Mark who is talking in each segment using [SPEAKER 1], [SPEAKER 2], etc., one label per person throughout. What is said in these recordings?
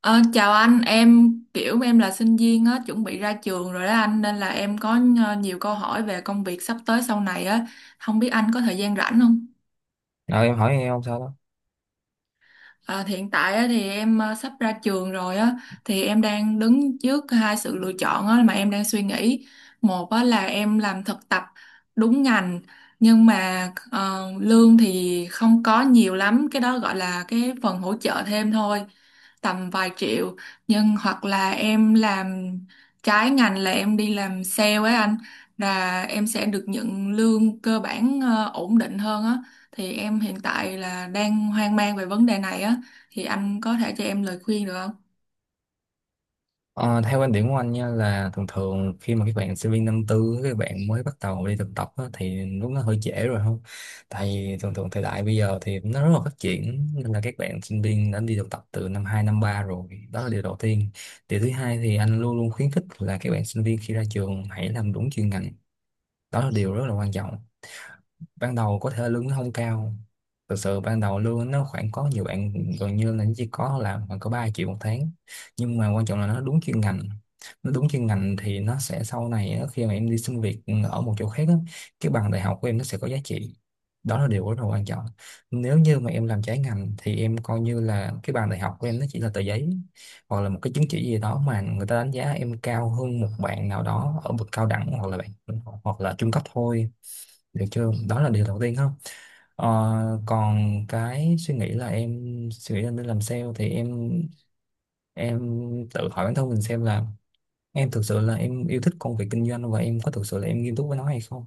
[SPEAKER 1] Ờ, Chào anh, em kiểu em là sinh viên á, chuẩn bị ra trường rồi đó anh, nên là em có nhiều câu hỏi về công việc sắp tới sau này á, không biết anh có thời gian rảnh không?
[SPEAKER 2] Ờ, em hỏi em không sao đó.
[SPEAKER 1] À, thì hiện tại á, thì em sắp ra trường rồi á, thì em đang đứng trước hai sự lựa chọn á, mà em đang suy nghĩ. Một á, là em làm thực tập đúng ngành, nhưng mà lương thì không có nhiều lắm, cái đó gọi là cái phần hỗ trợ thêm thôi, tầm vài triệu. Nhưng hoặc là em làm trái ngành, là em đi làm sale ấy anh, là em sẽ được nhận lương cơ bản ổn định hơn á. Thì em hiện tại là đang hoang mang về vấn đề này á, thì anh có thể cho em lời khuyên được không?
[SPEAKER 2] Ờ, theo quan điểm của anh nha, là thường thường khi mà các bạn sinh viên năm tư, các bạn mới bắt đầu đi thực tập á, thì lúc nó hơi trễ rồi, không? Tại vì thường thường thời đại bây giờ thì nó rất là phát triển, nên là các bạn sinh viên đã đi thực tập từ năm hai, năm 3 rồi. Đó là điều đầu tiên. Điều thứ hai thì anh luôn luôn khuyến khích là các bạn sinh viên khi ra trường hãy làm đúng chuyên ngành. Đó là điều rất là quan trọng. Ban đầu có thể lương nó không cao, thực sự ban đầu lương nó khoảng, có nhiều bạn gần như là nó chỉ có là khoảng có 3 triệu một tháng, nhưng mà quan trọng là nó đúng chuyên ngành. Nó đúng chuyên ngành thì nó sẽ sau này á, khi mà em đi xin việc ở một chỗ khác á, cái bằng đại học của em nó sẽ có giá trị. Đó là điều rất là quan trọng. Nếu như mà em làm trái ngành thì em coi như là cái bằng đại học của em nó chỉ là tờ giấy, hoặc là một cái chứng chỉ gì đó mà người ta đánh giá em cao hơn một bạn nào đó ở bậc cao đẳng, hoặc là bạn hoặc là trung cấp thôi. Được chưa? Đó là điều đầu tiên, không? Ờ, còn cái suy nghĩ là em suy nghĩ là nên làm sale, thì em tự hỏi bản thân mình xem là em thực sự là em yêu thích công việc kinh doanh và em có thực sự là em nghiêm túc với nó hay không.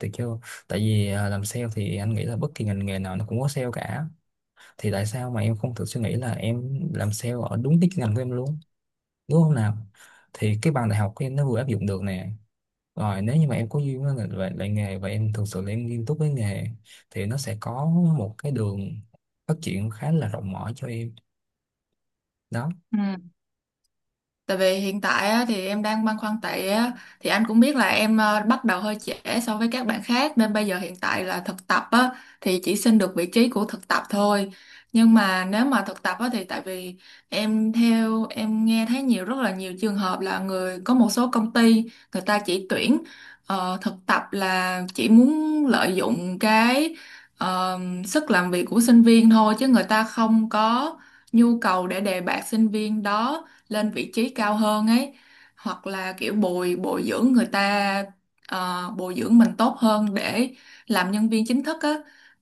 [SPEAKER 2] Được chưa? Tại vì làm sale thì anh nghĩ là bất kỳ ngành nghề nào nó cũng có sale cả. Thì tại sao mà em không thử suy nghĩ là em làm sale ở đúng cái ngành của em luôn, đúng không nào? Thì cái bằng đại học của em nó vừa áp dụng được nè. Rồi nếu như mà em có duyên với lại nghề và em thực sự là em nghiêm túc với nghề, thì nó sẽ có một cái đường phát triển khá là rộng mở cho em đó.
[SPEAKER 1] Ừ. Tại vì hiện tại á, thì em đang băn khoăn tại á, thì anh cũng biết là em bắt đầu hơi trễ so với các bạn khác, nên bây giờ hiện tại là thực tập á, thì chỉ xin được vị trí của thực tập thôi. Nhưng mà nếu mà thực tập á, thì tại vì em, theo em nghe thấy rất là nhiều trường hợp là có một số công ty người ta chỉ tuyển thực tập là chỉ muốn lợi dụng cái ờ, sức làm việc của sinh viên thôi, chứ người ta không có nhu cầu để đề bạt sinh viên đó lên vị trí cao hơn ấy, hoặc là kiểu bồi bồi dưỡng người ta, bồi dưỡng mình tốt hơn để làm nhân viên chính thức á.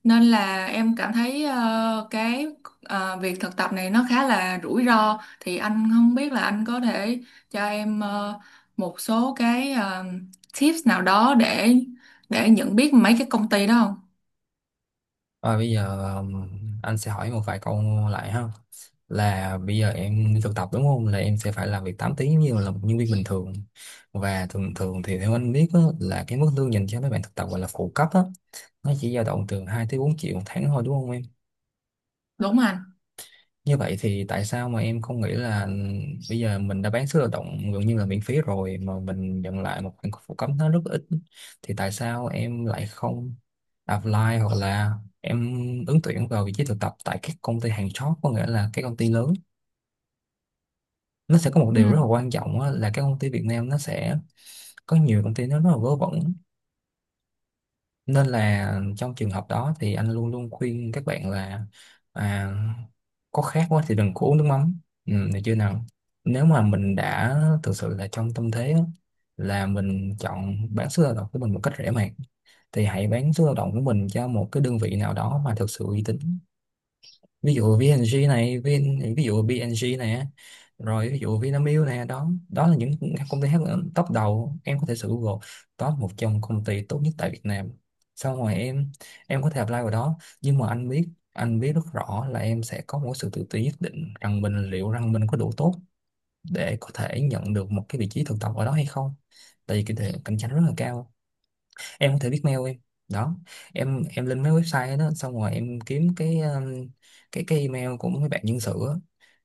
[SPEAKER 1] Nên là em cảm thấy cái việc thực tập này nó khá là rủi ro, thì anh không biết là anh có thể cho em một số cái tips nào đó để nhận biết mấy cái công ty đó không,
[SPEAKER 2] Rồi bây giờ anh sẽ hỏi một vài câu lại ha. Là bây giờ em đi thực tập đúng không? Là em sẽ phải làm việc 8 tiếng như là một nhân viên bình thường. Và thường thường thì theo anh biết á, là cái mức lương dành cho mấy bạn thực tập gọi là phụ cấp á, nó chỉ dao động từ 2 tới 4 triệu một tháng thôi, đúng không em?
[SPEAKER 1] đúng không anh?
[SPEAKER 2] Như vậy thì tại sao mà em không nghĩ là ừ, bây giờ mình đã bán sức lao động gần như là miễn phí rồi mà mình nhận lại một khoản phụ cấp nó rất ít, thì tại sao em lại không apply, hoặc là em ứng tuyển vào vị trí thực tập tại các công ty hàng chót, có nghĩa là các công ty lớn. Nó sẽ có một
[SPEAKER 1] Ừ.
[SPEAKER 2] điều rất là quan trọng á, là các công ty Việt Nam nó sẽ có nhiều công ty nó rất là vớ vẩn, nên là trong trường hợp đó thì anh luôn luôn khuyên các bạn là à, có khát quá thì đừng có uống nước mắm, ừ, được chưa nào? Nếu mà mình đã thực sự là trong tâm thế á, là mình chọn bán sức lao động của mình một cách rẻ mạt, thì hãy bán sức lao động của mình cho một cái đơn vị nào đó mà thực sự uy tín. Ví dụ VNG này, rồi ví dụ Vinamilk này, đó đó là những công ty hát top đầu. Em có thể sử Google top một trong công ty tốt nhất tại Việt Nam, xong rồi em có thể apply vào đó. Nhưng mà anh biết rất rõ là em sẽ có một sự tự ti nhất định rằng mình, liệu rằng mình có đủ tốt để có thể nhận được một cái vị trí thực tập ở đó hay không, tại vì cái cạnh tranh rất là cao. Em có thể viết mail em đó, em lên mấy website đó xong rồi em kiếm cái email của mấy bạn nhân sự á.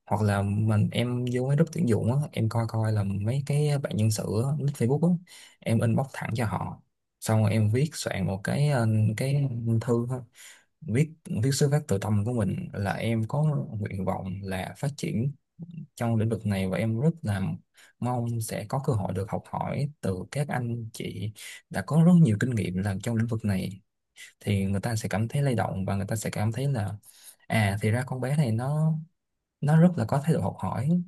[SPEAKER 2] Hoặc là mình em vô mấy group tuyển dụng á, em coi coi là mấy cái bạn nhân sự á, list Facebook á, em inbox thẳng cho họ. Xong rồi em viết soạn một cái cái thư thôi. Viết viết xuất phát từ tâm của mình là em có nguyện vọng là phát triển trong lĩnh vực này và em rất là mong sẽ có cơ hội được học hỏi từ các anh chị đã có rất nhiều kinh nghiệm làm trong lĩnh vực này, thì người ta sẽ cảm thấy lay động và người ta sẽ cảm thấy là à thì ra con bé này nó rất là có thái độ học hỏi.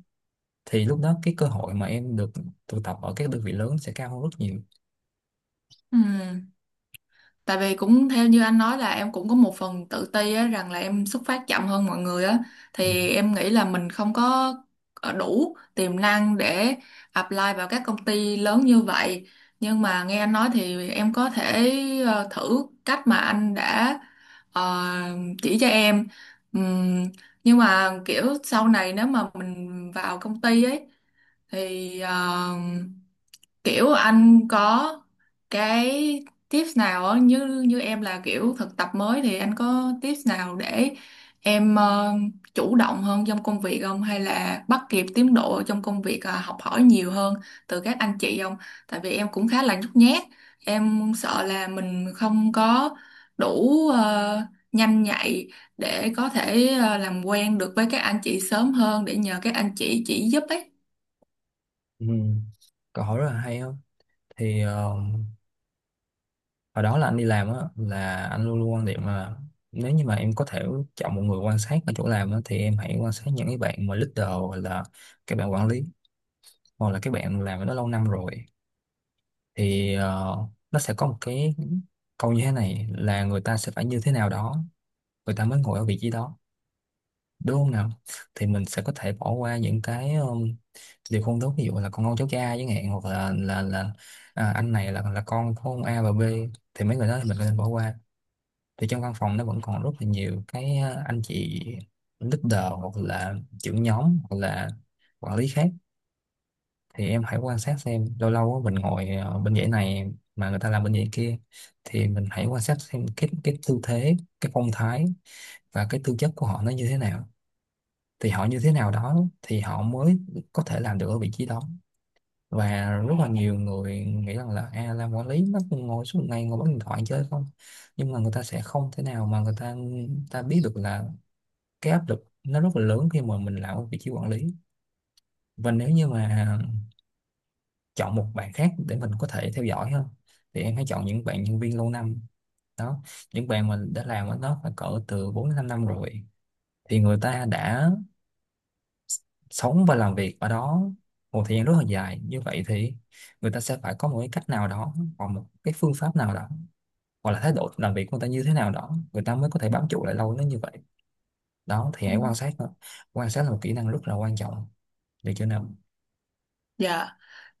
[SPEAKER 2] Thì lúc đó cái cơ hội mà em được tụ tập ở các đơn vị lớn sẽ cao hơn rất nhiều,
[SPEAKER 1] Ừ. Tại vì cũng theo như anh nói là em cũng có một phần tự ti á, rằng là em xuất phát chậm hơn mọi người á,
[SPEAKER 2] ừ.
[SPEAKER 1] thì em nghĩ là mình không có đủ tiềm năng để apply vào các công ty lớn như vậy. Nhưng mà nghe anh nói thì em có thể thử cách mà anh đã ờ, chỉ cho em. Ừm, nhưng mà kiểu sau này nếu mà mình vào công ty ấy thì kiểu anh có cái tips nào á, như như em là kiểu thực tập mới, thì anh có tips nào để em chủ động hơn trong công việc không, hay là bắt kịp tiến độ trong công việc, học hỏi nhiều hơn từ các anh chị không? Tại vì em cũng khá là nhút nhát, em sợ là mình không có đủ nhanh nhạy để có thể làm quen được với các anh chị sớm hơn để nhờ các anh chị chỉ giúp ấy.
[SPEAKER 2] Ừ. Câu hỏi rất là hay không? Thì ờ, hồi đó là anh đi làm á, là anh luôn luôn quan điểm là nếu như mà em có thể chọn một người quan sát ở chỗ làm á, thì em hãy quan sát những cái bạn mà leader hoặc là các bạn quản lý, hoặc là các bạn làm ở đó lâu năm rồi. Thì ờ, nó sẽ có một cái câu như thế này là người ta sẽ phải như thế nào đó người ta mới ngồi ở vị trí đó, đúng không nào? Thì mình sẽ có thể bỏ qua những cái điều không tốt, ví dụ là con ông cháu cha chẳng hạn, hoặc là là à, anh này là con của ông A và B, thì mấy người đó thì mình có nên bỏ qua. Thì trong văn phòng nó vẫn còn rất là nhiều cái ờ, anh chị leader hoặc là trưởng nhóm hoặc là quản lý khác, thì em hãy quan sát xem lâu lâu á, mình ngồi ờ, bên dãy này mà người ta làm bên dãy kia, thì mình hãy quan sát xem cái tư thế, cái phong thái và cái tư chất của họ nó như thế nào. Thì họ như thế nào đó thì họ mới có thể làm được ở vị trí đó. Và rất là nhiều người nghĩ rằng là à, làm quản lý nó cũng ngồi suốt ngày ngồi bấm điện thoại chơi không, nhưng mà người ta sẽ không thể nào mà người ta ta biết được là cái áp lực nó rất là lớn khi mà mình làm ở vị trí quản lý. Và nếu như mà chọn một bạn khác để mình có thể theo dõi hơn, thì em hãy chọn những bạn nhân viên lâu năm đó, những bạn mình đã làm ở đó phải cỡ từ 4 đến 5 năm rồi, thì người ta đã sống và làm việc ở đó một thời gian rất là dài như vậy, thì người ta sẽ phải có một cái cách nào đó, hoặc một cái phương pháp nào đó, hoặc là thái độ làm việc của người ta như thế nào đó, người ta mới có thể bám trụ lại lâu đến như vậy. Đó, thì
[SPEAKER 1] Ừ.
[SPEAKER 2] hãy quan sát thôi. Quan sát là một kỹ năng rất là quan trọng, để cho nên.
[SPEAKER 1] Dạ.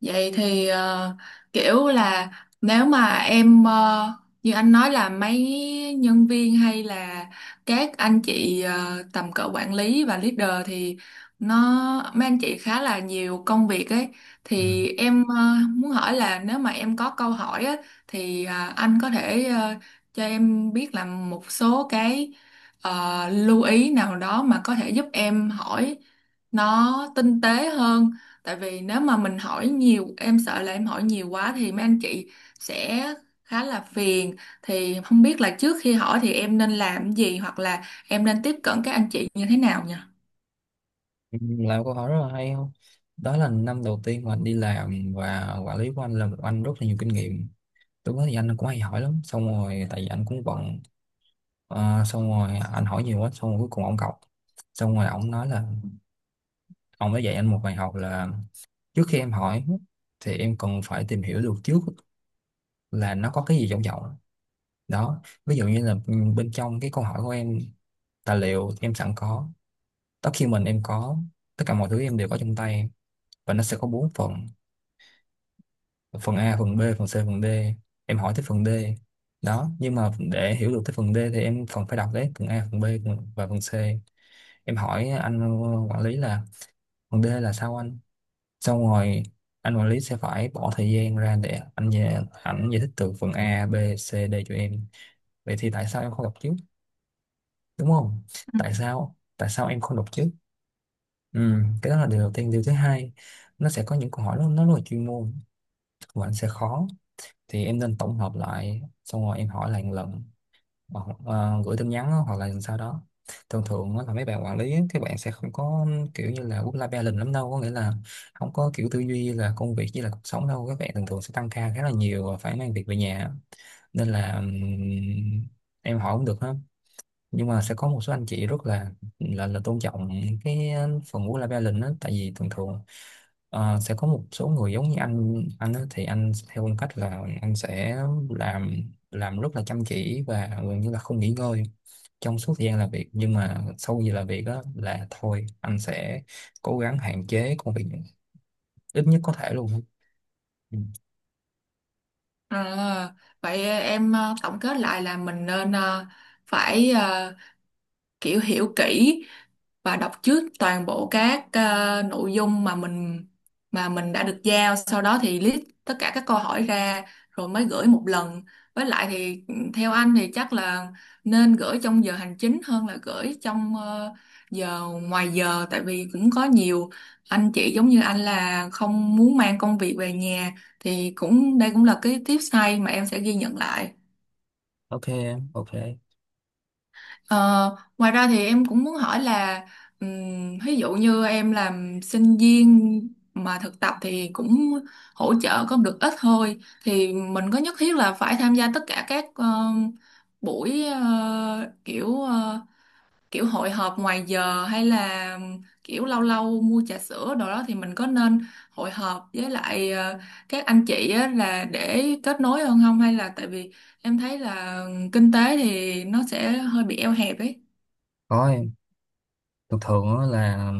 [SPEAKER 1] Vậy thì kiểu là nếu mà em như anh nói là mấy nhân viên hay là các anh chị tầm cỡ quản lý và leader, thì nó mấy anh chị khá là nhiều công việc ấy,
[SPEAKER 2] Ừ.
[SPEAKER 1] thì em muốn hỏi là nếu mà em có câu hỏi á, thì à, anh có thể cho em biết là một số cái lưu ý nào đó mà có thể giúp em hỏi nó tinh tế hơn. Tại vì nếu mà mình hỏi nhiều, em sợ là em hỏi nhiều quá thì mấy anh chị sẽ khá là phiền. Thì không biết là trước khi hỏi thì em nên làm cái gì, hoặc là em nên tiếp cận các anh chị như thế nào nhỉ?
[SPEAKER 2] Ừ, làm câu hỏi rất là hay không? Đó là năm đầu tiên mà anh đi làm và quản lý của anh là một anh rất là nhiều kinh nghiệm. Lúc đó thì anh cũng hay hỏi lắm, xong rồi tại vì anh cũng bận. Ờ, xong rồi anh hỏi nhiều quá, xong rồi cuối cùng ông cọc. Xong rồi ông nói là, ông đã dạy anh một bài học là trước khi em hỏi thì em cần phải tìm hiểu được trước là nó có cái gì trong giọng. Đó. Ví dụ như là bên trong cái câu hỏi của em, tài liệu em sẵn có, document em có, tất cả mọi thứ em đều có trong tay, và nó sẽ có bốn phần: phần A, phần B, phần C, phần D. Em hỏi tới phần D đó, nhưng mà để hiểu được tới phần D thì em phần phải đọc đấy phần A, phần B, và phần C. Em hỏi anh quản lý là phần D là sao anh. Xong rồi anh quản lý sẽ phải bỏ thời gian ra để anh giải thích từ phần A, B, C, D cho em. Vậy thì tại sao em không đọc trước, đúng không? Tại sao em không đọc trước? ừ, cái đó là điều đầu tiên. Điều thứ hai, nó sẽ có những câu hỏi nó rất là chuyên môn và anh sẽ khó, thì em nên tổng hợp lại xong rồi em hỏi lại một lần, hoặc gửi tin nhắn á, hoặc là sau đó. Thường thường á là mấy bạn quản lý á, các bạn sẽ không có kiểu như là work life balance lắm đâu, có nghĩa là không có kiểu tư duy là công việc với là cuộc sống đâu, các bạn thường thường sẽ tăng ca khá là nhiều và phải mang việc về nhà. Nên là em hỏi cũng được ha, nhưng mà sẽ có một số anh chị rất là là tôn trọng cái phần work life balance đó, tại vì thường thường sẽ có một số người giống như anh á, thì anh theo phong cách là anh sẽ làm rất là chăm chỉ và gần như là không nghỉ ngơi trong suốt thời gian làm việc, nhưng mà sau giờ làm việc đó là thôi anh sẽ cố gắng hạn chế công việc ít nhất có thể luôn. Ừ.
[SPEAKER 1] À, vậy em tổng kết lại là mình nên phải kiểu hiểu kỹ và đọc trước toàn bộ các nội dung mà mình đã được giao, sau đó thì list tất cả các câu hỏi ra rồi mới gửi một lần. Với lại thì theo anh thì chắc là nên gửi trong giờ hành chính hơn là gửi trong giờ ngoài giờ, tại vì cũng có nhiều anh chị giống như anh là không muốn mang công việc về nhà. Thì cũng đây cũng là cái tips hay mà em sẽ ghi nhận lại.
[SPEAKER 2] Ok. Ok.
[SPEAKER 1] Ờ, Ngoài ra thì em cũng muốn hỏi là, ví dụ như em làm sinh viên mà thực tập thì cũng hỗ trợ có được ít thôi, thì mình có nhất thiết là phải tham gia tất cả các buổi kiểu hội họp ngoài giờ, hay là kiểu lâu lâu mua trà sữa đồ đó, thì mình có nên hội họp với lại các anh chị á là để kết nối hơn không, hay là tại vì em thấy là kinh tế thì nó sẽ hơi bị eo hẹp ấy?
[SPEAKER 2] Rồi, thường thường á là,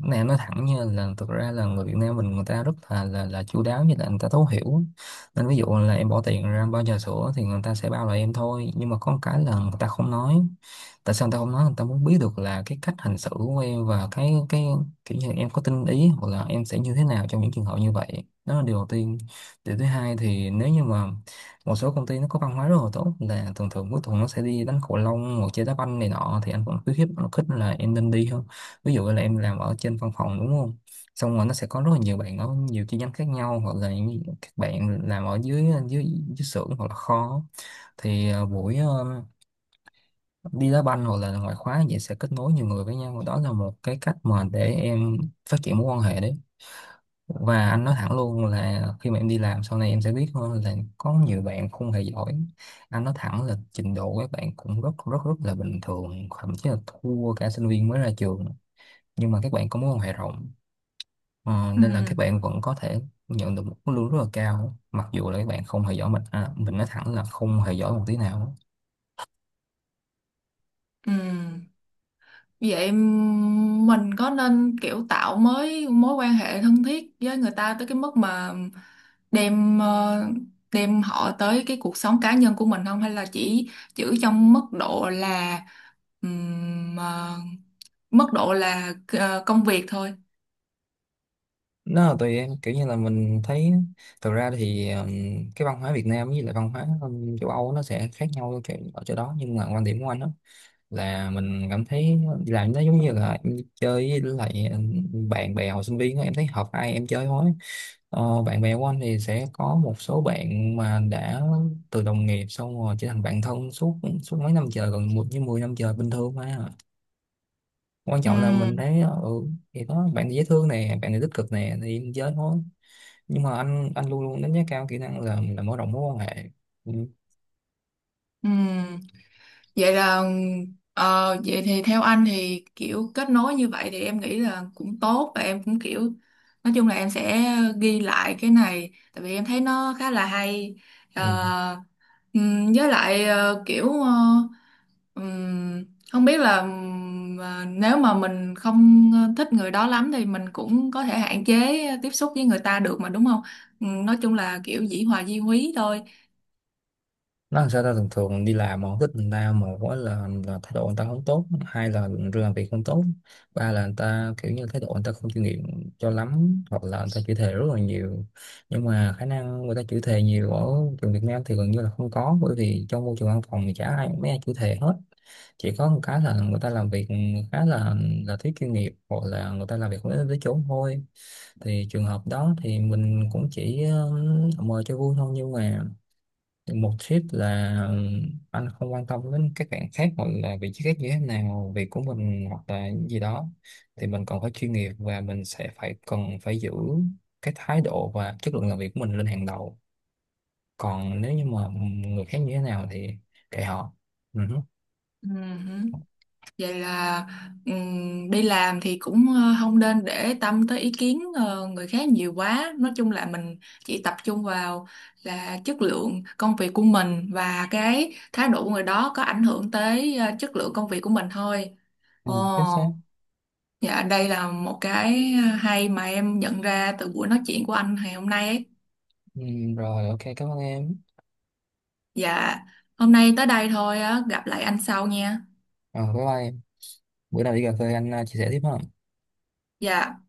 [SPEAKER 2] cái này em nói thẳng nha, là thực ra là người Việt Nam mình người ta rất là là chu đáo, như là người ta thấu hiểu, nên ví dụ là em bỏ tiền ra bao trà sữa thì người ta sẽ bao lại em thôi. Nhưng mà có một cái là người ta không nói. Tại sao tao không nói? Tao muốn biết được là cái cách hành xử của em và cái kiểu như em có tinh ý hoặc là em sẽ như thế nào trong những trường hợp như vậy. Đó là điều đầu tiên. Điều thứ hai thì nếu như mà một số công ty nó có văn hóa rất là tốt, là thường thường cuối tuần nó sẽ đi đánh cầu lông hoặc chơi đá banh này nọ, thì anh vẫn khuyến khích là em nên đi hơn. Ví dụ là em làm ở trên văn phòng, đúng không, xong rồi nó sẽ có rất là nhiều bạn ở nhiều chi nhánh khác nhau, hoặc là các bạn làm ở dưới dưới dưới xưởng hoặc là kho, thì buổi đi đá banh hoặc là ngoại khóa vậy sẽ kết nối nhiều người với nhau. Đó là một cái cách mà để em phát triển mối quan hệ đấy. Và anh nói thẳng luôn là khi mà em đi làm sau này em sẽ biết hơn, là có nhiều bạn không hề giỏi. Anh nói thẳng là trình độ các bạn cũng rất rất rất là bình thường, thậm chí là thua cả sinh viên mới ra trường, nhưng mà các bạn có mối quan hệ rộng. Ờ,
[SPEAKER 1] Ừ,
[SPEAKER 2] Nên là các bạn vẫn có thể nhận được một mức lương rất là cao, mặc dù là các bạn không hề giỏi. Mình à, mình nói thẳng là không hề giỏi một tí nào.
[SPEAKER 1] ừ. Vậy mình có nên kiểu tạo mới mối quan hệ thân thiết với người ta tới cái mức mà đem ờ, đem họ tới cái cuộc sống cá nhân của mình không, hay là chỉ giữ trong mức độ là ờ, mức độ là ờ, công việc thôi?
[SPEAKER 2] Nó là tùy em, kiểu như là mình thấy thực ra thì cái văn hóa Việt Nam với lại văn hóa châu Âu nó sẽ khác nhau ở chỗ đó. Nhưng mà quan điểm của anh đó là mình cảm thấy đi làm nó giống như là em đi chơi với lại bạn bè hồi sinh viên á, em thấy hợp ai em chơi thôi. Bạn bè của anh thì sẽ có một số bạn mà đã từ đồng nghiệp xong rồi trở thành bạn thân, suốt suốt mấy năm trời, gần một với mười năm trời bình thường mà. Quan
[SPEAKER 1] Ừ,
[SPEAKER 2] trọng là mình thấy thì có bạn này dễ thương nè, bạn này tích cực nè, thì em chơi thôi. Nhưng mà anh luôn luôn đánh giá cao kỹ năng là mở rộng mối quan hệ. Ừ.
[SPEAKER 1] ừ. Vậy là vậy thì theo anh thì kiểu kết nối như vậy thì em nghĩ là cũng tốt, và em cũng kiểu nói chung là em sẽ ghi lại cái này, tại vì em thấy nó khá là hay.
[SPEAKER 2] Ừ.
[SPEAKER 1] Ờ, với lại kiểu ừm, không biết là nếu mà mình không thích người đó lắm thì mình cũng có thể hạn chế tiếp xúc với người ta được mà, đúng không? Nói chung là kiểu dĩ hòa vi quý thôi.
[SPEAKER 2] Nó làm sao ta, thường thường đi làm mà không thích người ta, một á là thái độ người ta không tốt, hai là làm việc không tốt, ba là người ta kiểu như thái độ người ta không chuyên nghiệp cho lắm, hoặc là người ta chửi thề rất là nhiều. Nhưng mà khả năng người ta chửi thề nhiều ở trường Việt Nam thì gần như là không có, bởi vì trong môi trường văn phòng thì chả ai mấy ai chửi thề hết. Chỉ có một cái là người ta làm việc khá là thiếu chuyên nghiệp, hoặc là người ta làm việc không đến tới chốn thôi. Thì trường hợp đó thì mình cũng chỉ mời cho vui thôi. Nhưng mà một tip là, anh không quan tâm đến các bạn khác hoặc là vị trí khác như thế nào, việc của mình hoặc là gì đó, thì mình còn phải chuyên nghiệp và mình sẽ phải cần phải giữ cái thái độ và chất lượng làm việc của mình lên hàng đầu. Còn nếu như mà người khác như thế nào thì kệ họ. Ừ.
[SPEAKER 1] Ừm. Vậy là đi làm thì cũng không nên để tâm tới ý kiến người khác nhiều quá. Nói chung là mình chỉ tập trung vào là chất lượng công việc của mình, và cái thái độ của người đó có ảnh hưởng tới chất lượng công việc của mình thôi.
[SPEAKER 2] Ừ, chính
[SPEAKER 1] Ồ,
[SPEAKER 2] xác.
[SPEAKER 1] dạ, đây là một cái hay mà em nhận ra từ buổi nói chuyện của anh ngày hôm nay ấy.
[SPEAKER 2] Ừ, rồi, ok, cảm ơn em.
[SPEAKER 1] Dạ, hôm nay tới đây thôi á, gặp lại anh sau nha.
[SPEAKER 2] Ờ, bye bye. Bữa nào đi cà phê anh chia sẻ tiếp ha.
[SPEAKER 1] Dạ.